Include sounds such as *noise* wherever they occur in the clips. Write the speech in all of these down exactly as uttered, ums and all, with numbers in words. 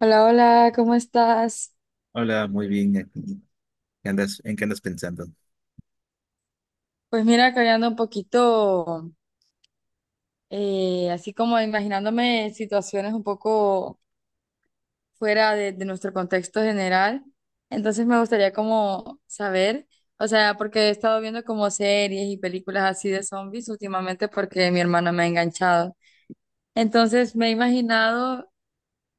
Hola, hola, ¿cómo estás? Hola, muy bien. Aquí. ¿Qué andas, en qué andas pensando? Pues mira, que hoy ando un poquito, eh, así como imaginándome situaciones un poco fuera de, de nuestro contexto general. Entonces me gustaría como saber, o sea, porque he estado viendo como series y películas así de zombies últimamente porque mi hermana me ha enganchado. Entonces me he imaginado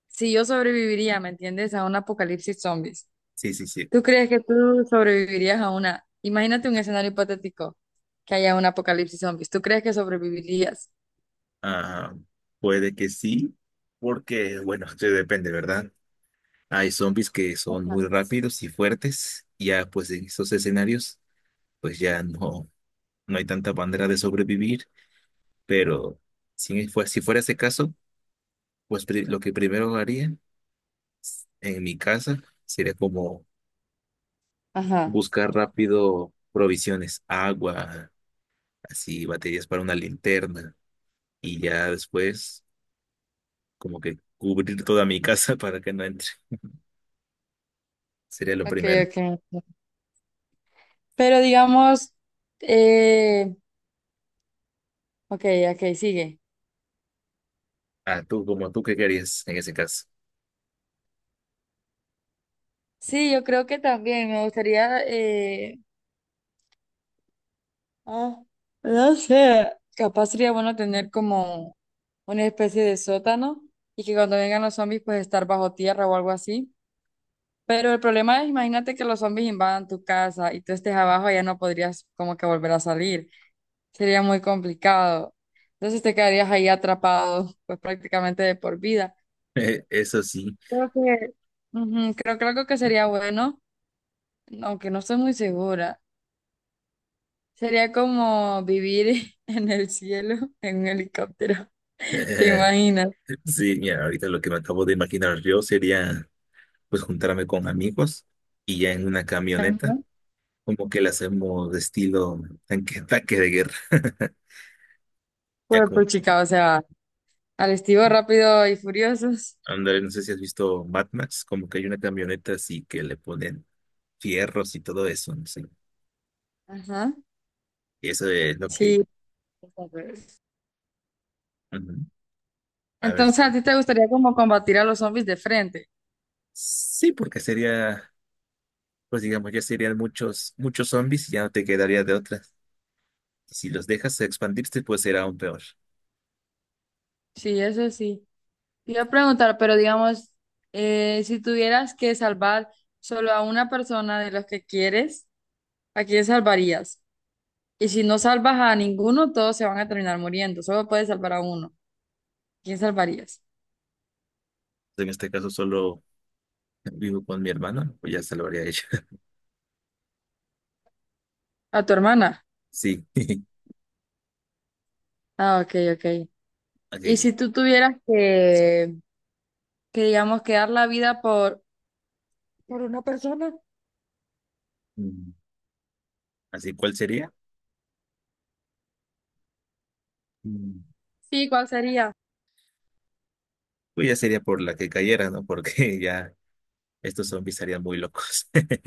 si yo sobreviviría, ¿me entiendes? A un apocalipsis zombies. Sí, sí, sí. ¿Tú crees que tú sobrevivirías a una? Imagínate un escenario hipotético, que haya un apocalipsis zombies. ¿Tú crees que sobrevivirías? Ah, puede que sí, porque, bueno, *laughs* eso depende, ¿verdad? Hay zombies que son Ajá. muy rápidos y fuertes, y ya pues en esos escenarios, pues ya no, no hay tanta manera de sobrevivir, pero si, fue, si fuera ese caso, pues pri- lo que primero haría en mi casa sería como Ajá. buscar rápido provisiones, agua, así baterías para una linterna, y ya después como que cubrir toda mi casa *laughs* para que no entre. Sería lo Ok, primero. ok. Pero digamos, eh, ok, ok, sigue. Ah, tú, como tú, ¿qué querías en ese caso? Sí, yo creo que también me gustaría, eh, ah, no sé, capaz sería bueno tener como una especie de sótano y que cuando vengan los zombies pues estar bajo tierra o algo así. Pero el problema es, imagínate que los zombies invadan tu casa y tú estés abajo, ya no podrías como que volver a salir. Sería muy complicado. Entonces te quedarías ahí atrapado, pues prácticamente de por vida. *laughs* Eso sí. Creo que, ujú, creo que algo que sería bueno, aunque no estoy muy segura, sería como vivir *laughs* en el cielo en un helicóptero. *laughs* ¿Te Eh, imaginas? *laughs* sí, mira, ahorita lo que me acabo de imaginar yo sería pues juntarme con amigos y ya en una Ajá. camioneta, como que la hacemos de estilo tanque, tanque de guerra. *laughs* Ya Pues, como, pues chica, o sea, al estilo rápido y furiosos. ándale, no sé si has visto Mad Max, como que hay una camioneta así que le ponen fierros y todo eso, no sé. Ajá. Y eso es lo que... Sí. Ujú. A ver, Entonces, ¿a ti te gustaría como combatir a los zombies de frente? sí, porque sería, pues digamos, ya serían muchos, muchos zombies y ya no te quedaría de otras. Si los dejas expandirse, pues será aún peor. Sí, eso sí. Te iba a preguntar, pero digamos, eh, si tuvieras que salvar solo a una persona de los que quieres, ¿a quién salvarías? Y si no salvas a ninguno, todos se van a terminar muriendo. Solo puedes salvar a uno. ¿Quién salvarías? En este caso solo vivo con mi hermano, pues ya se lo haría ella. *laughs* ¿A tu hermana? Sí. *laughs* Ah, ok, ok. Y si Ok. tú tuvieras que, que digamos, que dar la vida por... ¿Por una persona? Mm, así, ¿cuál sería? Mm, Sí, ¿cuál sería? pues ya sería por la que cayera, ¿no? Porque *laughs* ya estos zombies estarían muy locos. *laughs*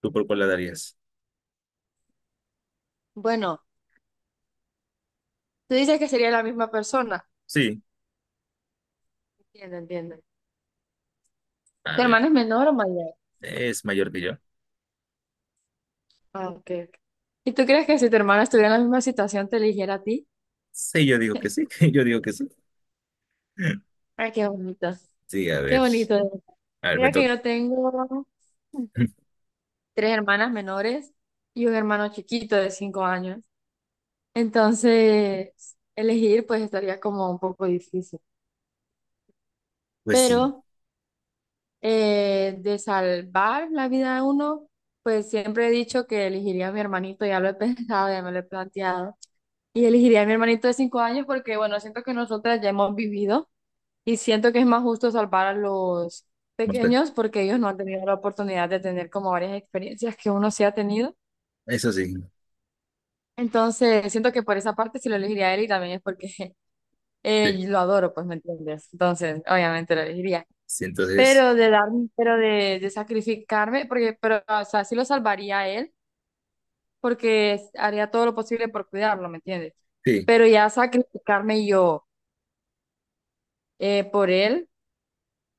¿Tú por cuál la darías? Bueno, tú dices que sería la misma persona. Sí. Entiendo, entiendo. A ¿Tu ver, hermano es menor o mayor? ¿es mayor que yo? Ah, ok. Ok. ¿Y tú crees que si tu hermano estuviera en la misma situación te eligiera a ti? Sí, yo digo que sí. *laughs* Yo digo que sí. *laughs* Ay, qué bonito. Sí, a Qué ver. bonito, de verdad. A ver, me Mira que toca. yo tengo *laughs* tres hermanas menores y un hermano chiquito de cinco años. Entonces, elegir pues estaría como un poco difícil. Pues sí. Pero eh, de salvar la vida de uno, pues siempre he dicho que elegiría a mi hermanito, ya lo he *laughs* pensado, ya me lo he planteado. Y elegiría a mi hermanito de cinco años porque, bueno, siento que nosotras ya hemos vivido y siento que es más justo salvar a los Vamos a ver. pequeños porque ellos no han tenido la oportunidad de tener como varias experiencias que uno sí ha tenido. Eso sí. Entonces, siento que por esa parte sí lo elegiría a él y también es porque *laughs* Sí, eh, lo adoro, pues, ¿me entiendes? Entonces, obviamente lo elegiría. sí, entonces, Pero de dar, pero de, de sacrificarme, porque, pero, o sea, sí lo salvaría a él porque haría todo lo posible por cuidarlo, ¿me entiendes? sí. Pero ya sacrificarme yo eh, por él.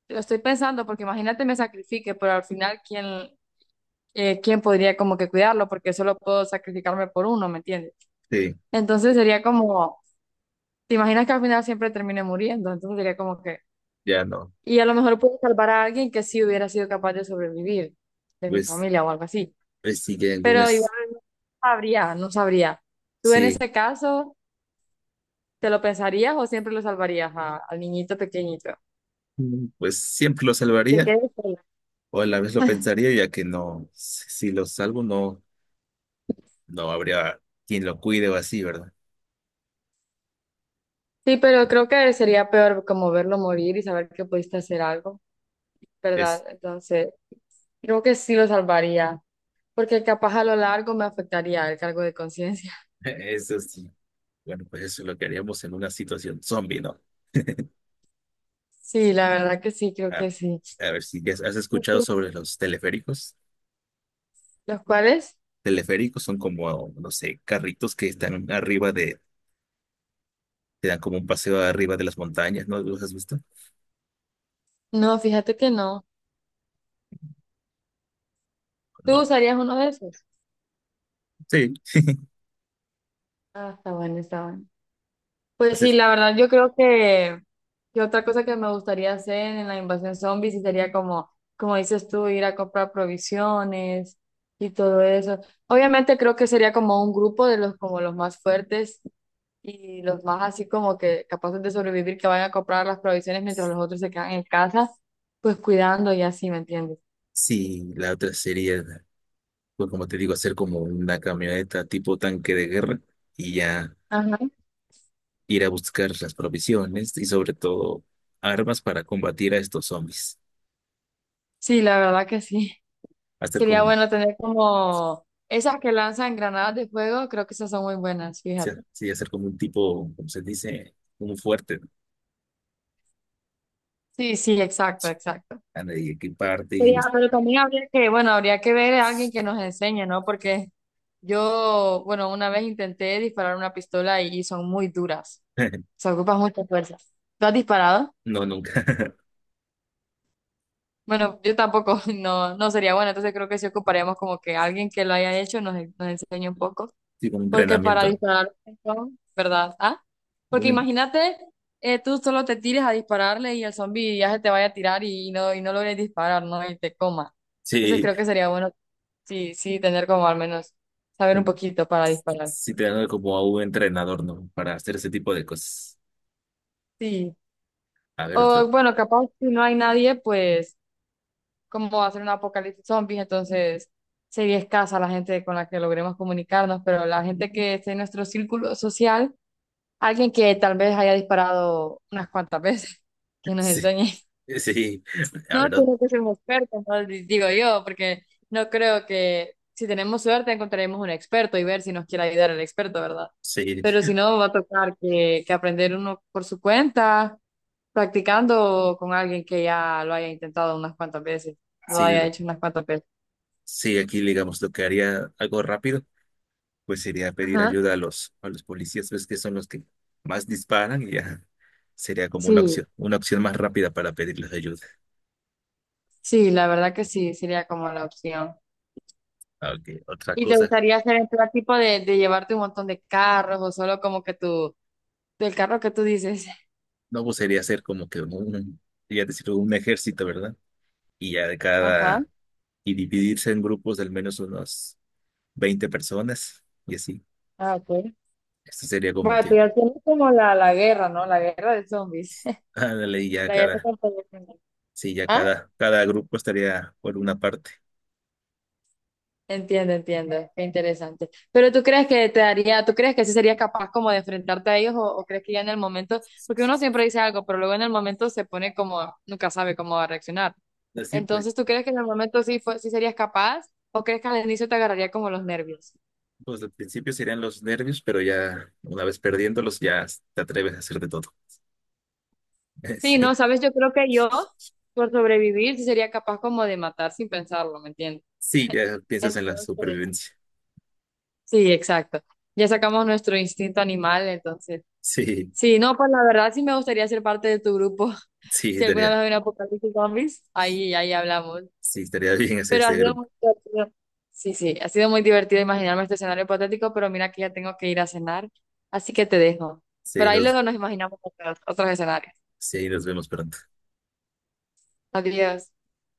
Lo estoy pensando porque imagínate me sacrifique, pero al final, ¿quién, eh, quién podría como que cuidarlo? Porque solo puedo sacrificarme por uno, ¿me entiendes? Sí, Entonces sería como, ¿te imaginas que al final siempre termine muriendo? Entonces sería como que, ya no. y a lo mejor puedo salvar a alguien que sí hubiera sido capaz de sobrevivir, de mi Pues, familia o algo así. pues sí que algún Pero igual es, no sabría, no sabría. ¿Tú en sí, ese caso te lo pensarías o siempre lo salvarías a- al niñito pequeñito? mm. Pues siempre lo Te salvaría quedas sola. o a la vez lo pensaría ya que no, si, si lo salvo, no no habría quien lo cuide o así, ¿verdad? Sí, pero creo que sería peor como verlo morir y saber que pudiste hacer algo, ¿verdad? Es, Entonces, creo que sí lo salvaría, porque capaz a lo largo me afectaría el cargo de conciencia. *laughs* *laughs* eso sí. Bueno, pues eso es lo que haríamos en una situación zombie, ¿no? Sí, la verdad que sí, creo Ah, que sí. a ver si ya has ¿Y escuchado tú? sobre los teleféricos. ¿Los cuales? Teleféricos son como, no sé, carritos que están arriba de, te dan como un paseo arriba de las montañas, ¿no? ¿Los has visto? No, fíjate que no. ¿Tú No. usarías uno de esos? Sí. Ah, está bueno, está bueno. Pues sí, la verdad, yo creo que, que otra cosa que me gustaría hacer en la invasión zombie sí sería como, como dices tú, ir a comprar provisiones y todo eso. Obviamente creo que sería como un grupo de los, como los más fuertes y los más así como que capaces de sobrevivir, que vayan a comprar las provisiones mientras los otros se quedan en casa, pues cuidando y así, ¿me entiendes? Sí, la otra sería, pues como te digo, hacer como una camioneta tipo tanque de guerra y ya Ajá. ir a buscar las provisiones y sobre todo armas para combatir a estos zombies. Sí, la verdad que sí. Hacer Sería como, o bueno tener como esas que lanzan granadas de fuego, creo que esas son muy buenas, fíjate. sea, sí, hacer como un tipo, como se dice, un fuerte, ¿no? Sí, sí, exacto, exacto. Ah, y equiparte y... Sería- vest- Pero también habría que, bueno, habría que ver a alguien que nos enseñe, ¿no? Porque yo, bueno, una vez intenté disparar una pistola y son muy duras. *laughs* Se ocupa mucha fuerza. ¿Tú has disparado? No, nunca. *laughs* Bueno, yo tampoco, *laughs* no, no sería bueno, entonces creo que sí ocuparíamos como que alguien que lo haya hecho nos, nos enseñe un poco, Sí, como un porque para entrenamiento. disparar un montón, ¿verdad? Ah, ¿No? porque Un- imagínate, eh, tú solo te tires a dispararle y el zombie ya se te vaya a tirar y no, y no logres disparar, ¿no? Y te coma. Entonces Sí, creo que sería bueno, sí, sí, tener como al menos saber un un- poquito para disparar. sí, tener como a un entrenador, ¿no? Para hacer ese tipo de cosas. Sí. A ver, O otro. bueno, capaz si no hay nadie, pues como va a ser un apocalipsis zombies, entonces sería escasa la gente con la que logremos comunicarnos, pero la gente que esté en nuestro círculo social, alguien que tal vez haya disparado unas cuantas veces, *laughs* *laughs* que nos Sí, enseñe. sí. A No ver, tiene que ser un experto, ¿no? Di- digo yo, porque no creo que si tenemos suerte encontraremos un experto y ver si nos quiere ayudar el experto, ¿verdad? sí, Pero si no, va a tocar que, que aprender uno por su cuenta, practicando con alguien que ya lo haya intentado unas cuantas veces, lo sí, haya hecho unas cuantas veces. sí, aquí digamos lo que haría algo rápido, pues sería pedir Ajá. ayuda a los, a los policías, ves que son los que más disparan y ya sería como una Sí, opción, una opción más rápida para pedirles ayuda. sí, la verdad que sí, sería como la opción. Aunque otra ¿Y te cosa, gustaría hacer el plan tipo de, de llevarte un montón de carros o solo como que tu el carro que tú dices? no, pues sería hacer como que un, ya decir, un ejército, ¿verdad? Y ya de Ajá. cada, y dividirse en grupos de al menos unos veinte personas y así. Ah, ok. Esto sería como Bueno, tú que, ya tienes como la, la guerra, ¿no? La guerra de zombies. *laughs* ándale, y ya La guerra cada, contra los zombies. sí, ya Ah, cada, cada grupo estaría por una parte. entiendo, entiendo. Qué interesante. Pero tú crees que te daría, tú crees que sí serías capaz como de enfrentarte a ellos o, o crees que ya en el momento, porque uno siempre dice algo, pero luego en el momento se pone como, nunca sabe cómo va a reaccionar. Así pues. Entonces, ¿tú crees que en el momento sí, fue, sí serías capaz o crees que al inicio te agarraría como los nervios? Pues al principio serían los nervios, pero ya una vez perdiéndolos ya te atreves a hacer de todo. *laughs* Sí, Sí, no, sabes, yo creo que yo, por sobrevivir, sí sería capaz como de matar sin pensarlo, ¿me entiendes? sí, ya piensas en la Entonces, supervivencia. sí, exacto. Ya sacamos nuestro instinto animal, entonces. Sí, Sí, no, pues la verdad sí me gustaría ser parte de tu grupo. *laughs* sí, Si alguna vez estaría, hay un apocalipsis zombies, ahí, ahí hablamos. sí, estaría bien hacer Pero ha este sido grupo. muy divertido. Sí, sí, ha sido muy divertido imaginarme este escenario hipotético, pero mira que ya tengo que ir a cenar, así que te dejo. Pero Sí, ahí nos, luego nos imaginamos otros, otros escenarios. sí, nos vemos pronto. Adiós.